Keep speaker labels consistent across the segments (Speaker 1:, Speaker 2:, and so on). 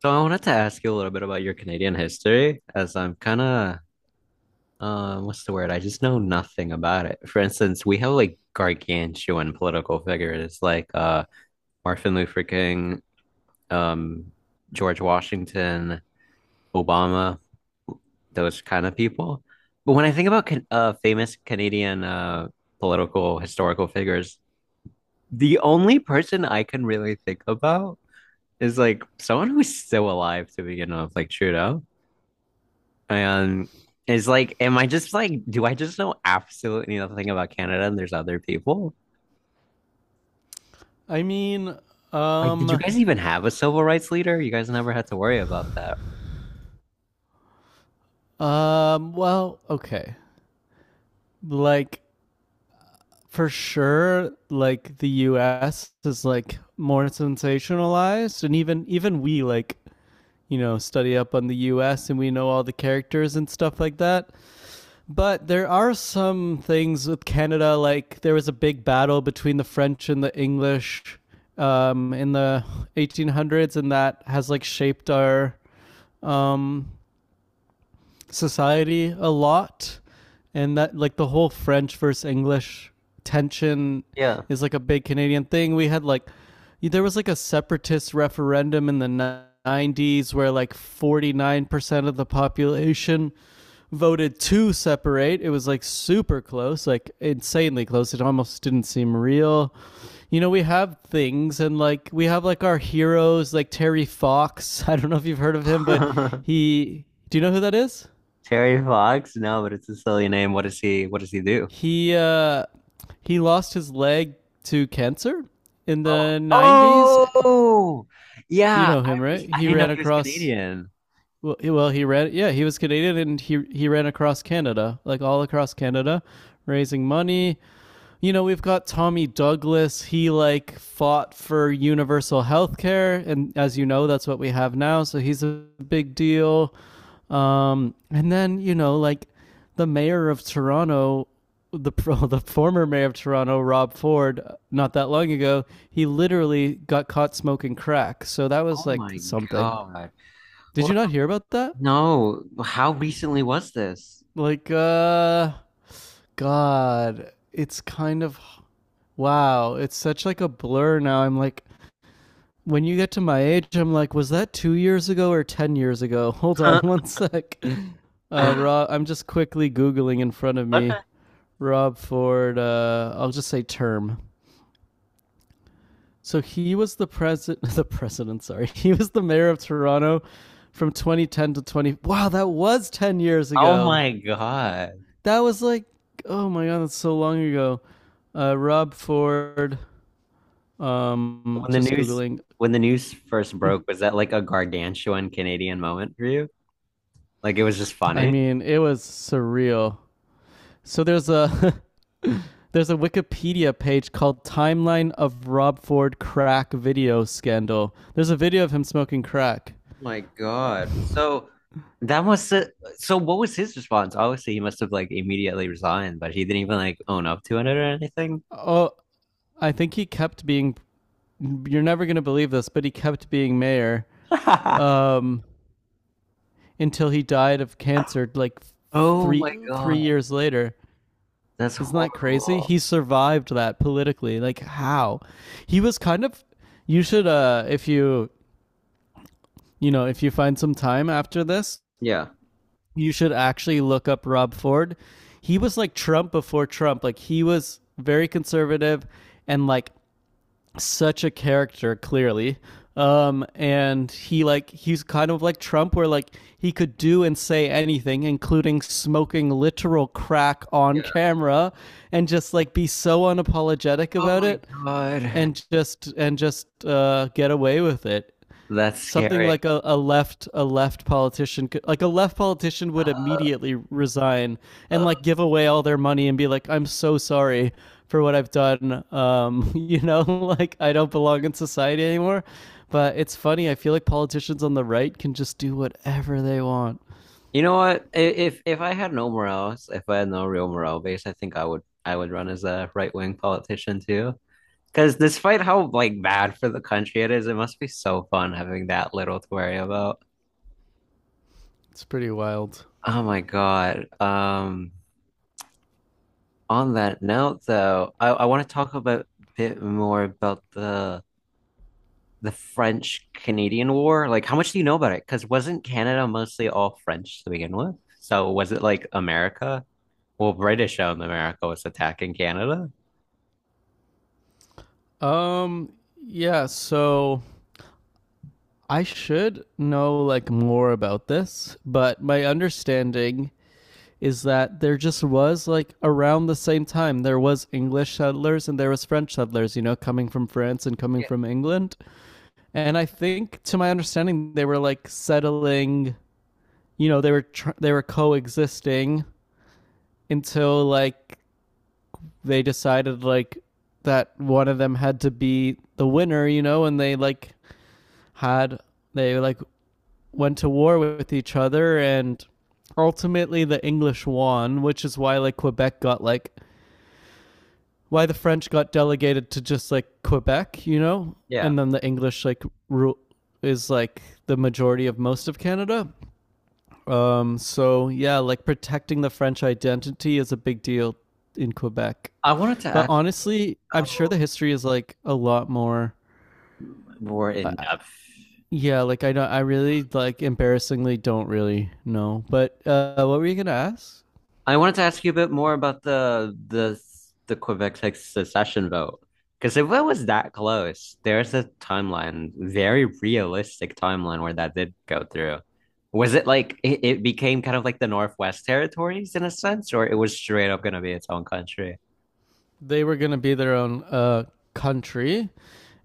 Speaker 1: So I wanted to ask you a little bit about your Canadian history, as I'm kind of, what's the word? I just know nothing about it. For instance, we have like gargantuan political figures like Martin Luther King, um, George Washington, Obama, those kind of people. But when I think about can famous Canadian political historical figures, the only person I can really think about is like someone who's still alive to begin with, like Trudeau. And it's like, am I just like, do I just know absolutely nothing about Canada and there's other people?
Speaker 2: I mean,
Speaker 1: Like, did you
Speaker 2: um,
Speaker 1: guys even have a civil rights leader? You guys never had to worry about that.
Speaker 2: well, okay. Like, for sure, like the U.S. is like more sensationalized, and even we like study up on the U.S. and we know all the characters and stuff like that. But there are some things with Canada, like there was a big battle between the French and the English in the 1800s, and that has like shaped our um society a lot, and that like the whole French versus English tension
Speaker 1: Yeah.
Speaker 2: is like a big Canadian thing we had. Like, there was like a separatist referendum in the '90s where like 49% of the population voted to separate. It was like super close, like insanely close, it almost didn't seem real. We have things, and like we have, like, our heroes, like Terry Fox. I don't know if you've heard of him, but he do you know who that is?
Speaker 1: Terry Fox? No, but it's a silly name. What does he do?
Speaker 2: He uh, he lost his leg to cancer in the '90s.
Speaker 1: Oh, oh,
Speaker 2: You
Speaker 1: yeah.
Speaker 2: know
Speaker 1: I
Speaker 2: him, right?
Speaker 1: I
Speaker 2: He
Speaker 1: didn't know
Speaker 2: ran
Speaker 1: he was
Speaker 2: across.
Speaker 1: Canadian.
Speaker 2: Well, he ran. Yeah, he was Canadian, and he ran across Canada, like all across Canada, raising money. You know, we've got Tommy Douglas. He like fought for universal health care, and as you know, that's what we have now. So he's a big deal. And then like the mayor of Toronto, the well, the former mayor of Toronto, Rob Ford, not that long ago, he literally got caught smoking crack. So that
Speaker 1: Oh
Speaker 2: was like
Speaker 1: my
Speaker 2: something.
Speaker 1: God.
Speaker 2: Did you
Speaker 1: What?
Speaker 2: not hear about that?
Speaker 1: No. How recently was this?
Speaker 2: Like, God, it's kind of wow. It's such like a blur now. I'm like. When you get to my age, I'm like, was that 2 years ago or 10 years ago? Hold on
Speaker 1: Okay.
Speaker 2: one sec. Rob, I'm just quickly googling in front of me. Rob Ford. I'll just say term. So he was the president. The president. Sorry, he was the mayor of Toronto from 2010 to 20. Wow, that was 10 years
Speaker 1: Oh
Speaker 2: ago.
Speaker 1: my God.
Speaker 2: That was like, oh my god, that's so long ago. Rob Ford.
Speaker 1: When the
Speaker 2: Just
Speaker 1: news,
Speaker 2: googling.
Speaker 1: when the news first broke, was that like a gargantuan Canadian moment for you? Like it was just
Speaker 2: I
Speaker 1: funny?
Speaker 2: mean, it was surreal. So there's a there's a Wikipedia page called "Timeline of Rob Ford Crack Video Scandal." There's a video of him smoking crack.
Speaker 1: My
Speaker 2: Oh.
Speaker 1: God. So that must have, so what was his response? Obviously, he must have like immediately resigned, but he didn't even like own up to it or anything.
Speaker 2: Oh, I think he kept being. You're never gonna believe this, but he kept being mayor um, until he died of cancer, like
Speaker 1: Oh my
Speaker 2: three
Speaker 1: God.
Speaker 2: years later.
Speaker 1: That's
Speaker 2: Isn't that crazy?
Speaker 1: horrible.
Speaker 2: He survived that politically. Like how? He was kind of. You should, if you find some time after this,
Speaker 1: Yeah.
Speaker 2: you should actually look up Rob Ford. He was like Trump before Trump. Like he was very conservative and like such a character, clearly. And he's kind of like Trump where like he could do and say anything, including smoking literal crack on
Speaker 1: Yeah.
Speaker 2: camera, and just like be so unapologetic
Speaker 1: Oh
Speaker 2: about
Speaker 1: my
Speaker 2: it,
Speaker 1: God.
Speaker 2: and just get away with it.
Speaker 1: That's
Speaker 2: Something
Speaker 1: scary.
Speaker 2: like a left politician would immediately resign and like give away all their money and be like, I'm so sorry for what I've done. Like I don't belong in society anymore. But it's funny, I feel like politicians on the right can just do whatever they want.
Speaker 1: You know what? I- if I had no morals, if I had no real moral base, I think I would, I would run as a right wing politician too. Because despite how like bad for the country it is, it must be so fun having that little to worry about.
Speaker 2: It's pretty wild.
Speaker 1: Oh my God. On that note though, I want to talk about a bit more about the French Canadian War. Like, how much do you know about it? Because wasn't Canada mostly all French to begin with? So was it like America? Well, British-owned America was attacking Canada.
Speaker 2: um yeah, so I should know like more about this, but my understanding is that there just was like around the same time there was English settlers and there was French settlers, coming from France and coming
Speaker 1: Yeah.
Speaker 2: from England. And I think to my understanding they were like settling, they were coexisting until like they decided like that one of them had to be the winner, and they like had they like went to war with each other, and ultimately the English won, which is why like Quebec got like why the French got delegated to just like Quebec, you know,
Speaker 1: Yeah.
Speaker 2: and then the English like rule is like the majority of most of Canada. So yeah, like protecting the French identity is a big deal in Quebec.
Speaker 1: I wanted to
Speaker 2: But
Speaker 1: ask
Speaker 2: honestly, I'm sure the
Speaker 1: how
Speaker 2: history is like a lot more.
Speaker 1: more in
Speaker 2: Uh,
Speaker 1: depth.
Speaker 2: yeah, like I don't. I really like embarrassingly don't really know. But what were you gonna ask?
Speaker 1: I wanted to ask you a bit more about the Quebec, like, secession vote, because if it was that close, there's a timeline, very realistic timeline where that did go through. Was it like, it became kind of like the Northwest Territories in a sense, or it was straight up going to be its own country?
Speaker 2: They were gonna be their own country.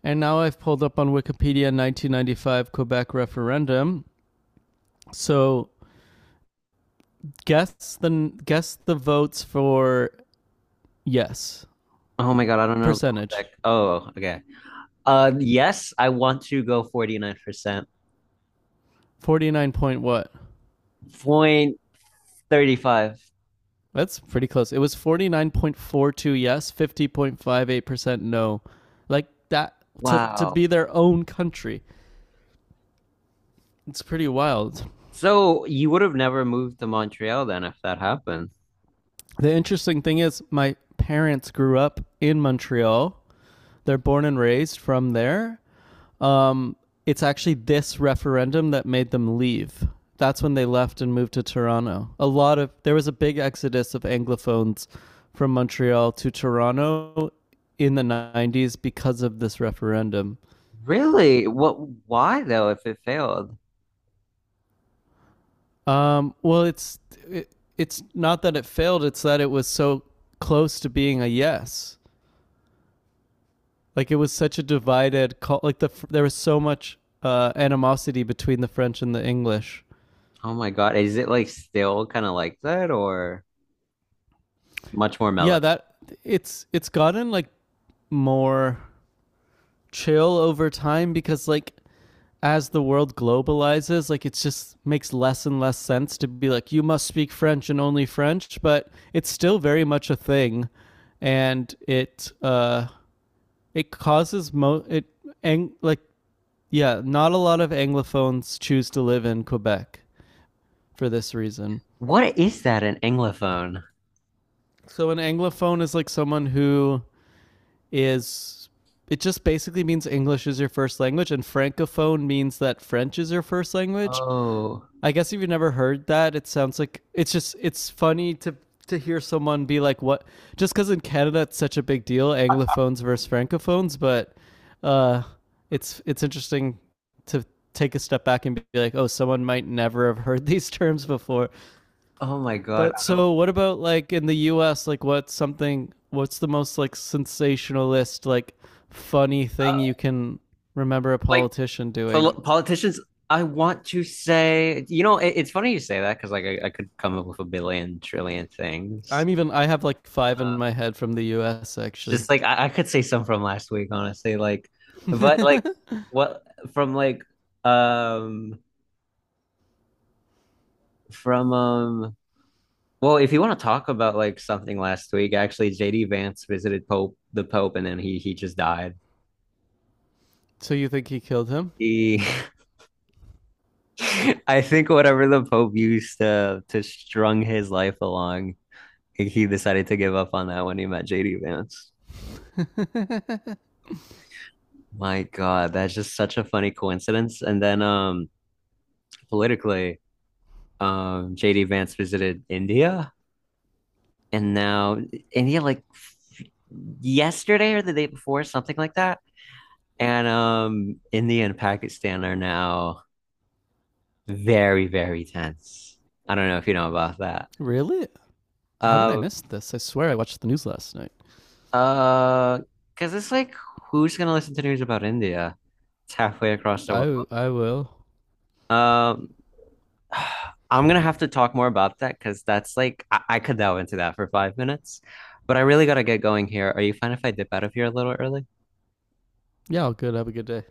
Speaker 2: And now I've pulled up on Wikipedia 1995 Quebec referendum. So guess the votes for yes
Speaker 1: Oh my God, I don't know.
Speaker 2: percentage.
Speaker 1: Quebec. Oh, okay. Yes, I want to go 49%.
Speaker 2: 49 point what?
Speaker 1: Point 35.
Speaker 2: That's pretty close. It was 49.42 yes, 50.58% no. Like that to
Speaker 1: Wow.
Speaker 2: be their own country. It's pretty wild.
Speaker 1: So you would have never moved to Montreal then if that happened.
Speaker 2: The interesting thing is my parents grew up in Montreal. They're born and raised from there. Um, it's actually this referendum that made them leave. That's when they left and moved to Toronto. A lot of There was a big exodus of anglophones from Montreal to Toronto in the '90s because of this referendum.
Speaker 1: Really? What, why though, if it failed?
Speaker 2: Well, it, it's not that it failed; it's that it was so close to being a yes. Like it was such a divided call. Like there was so much animosity between the French and the English.
Speaker 1: Oh my God. Is it like still kind of like that, or much more mellow?
Speaker 2: Yeah, that it's gotten like more chill over time because like as the world globalizes, like it's just makes less and less sense to be like you must speak French and only French, but it's still very much a thing, and it causes mo it ang- like yeah, not a lot of anglophones choose to live in Quebec for this reason.
Speaker 1: What is that, an Anglophone?
Speaker 2: So an anglophone is like someone who is, it just basically means English is your first language, and francophone means that French is your first language.
Speaker 1: Oh,
Speaker 2: I guess if you've never heard that, it sounds like it's funny to hear someone be like, "What?" Just because in Canada it's such a big deal, anglophones versus francophones, but uh, it's interesting to take a step back and be like, "Oh, someone might never have heard these terms before."
Speaker 1: oh my God.
Speaker 2: But
Speaker 1: I don't,
Speaker 2: so what about like in the US, like what's the most like sensationalist, like funny thing
Speaker 1: uh,
Speaker 2: you can remember a
Speaker 1: like,
Speaker 2: politician doing?
Speaker 1: politicians. I want to say, it's funny you say that because like I could come up with a billion trillion things.
Speaker 2: I have like 5
Speaker 1: Uh,
Speaker 2: in my head from the US actually.
Speaker 1: just like I could say some from last week, honestly. Like, but like what from like um from well, if you want to talk about like something last week, actually JD Vance visited Pope, the Pope, and then he just died.
Speaker 2: So you think he killed him?
Speaker 1: He I think whatever the Pope used to strung his life along, he decided to give up on that when he met JD Vance. My God, that's just such a funny coincidence. And then politically, JD Vance visited India, and now India, like, yesterday or the day before, something like that. And India and Pakistan are now very, very tense. I don't know if you know about that.
Speaker 2: Really? How did I
Speaker 1: Um,
Speaker 2: miss this? I swear I watched the news last night.
Speaker 1: uh, because it's like, who's gonna listen to news about India? It's halfway across the world.
Speaker 2: I will.
Speaker 1: Um, I'm gonna have to talk more about that because that's like I could delve into that for 5 minutes, but I really gotta get going here. Are you fine if I dip out of here a little early?
Speaker 2: Yeah, all good. Have a good day.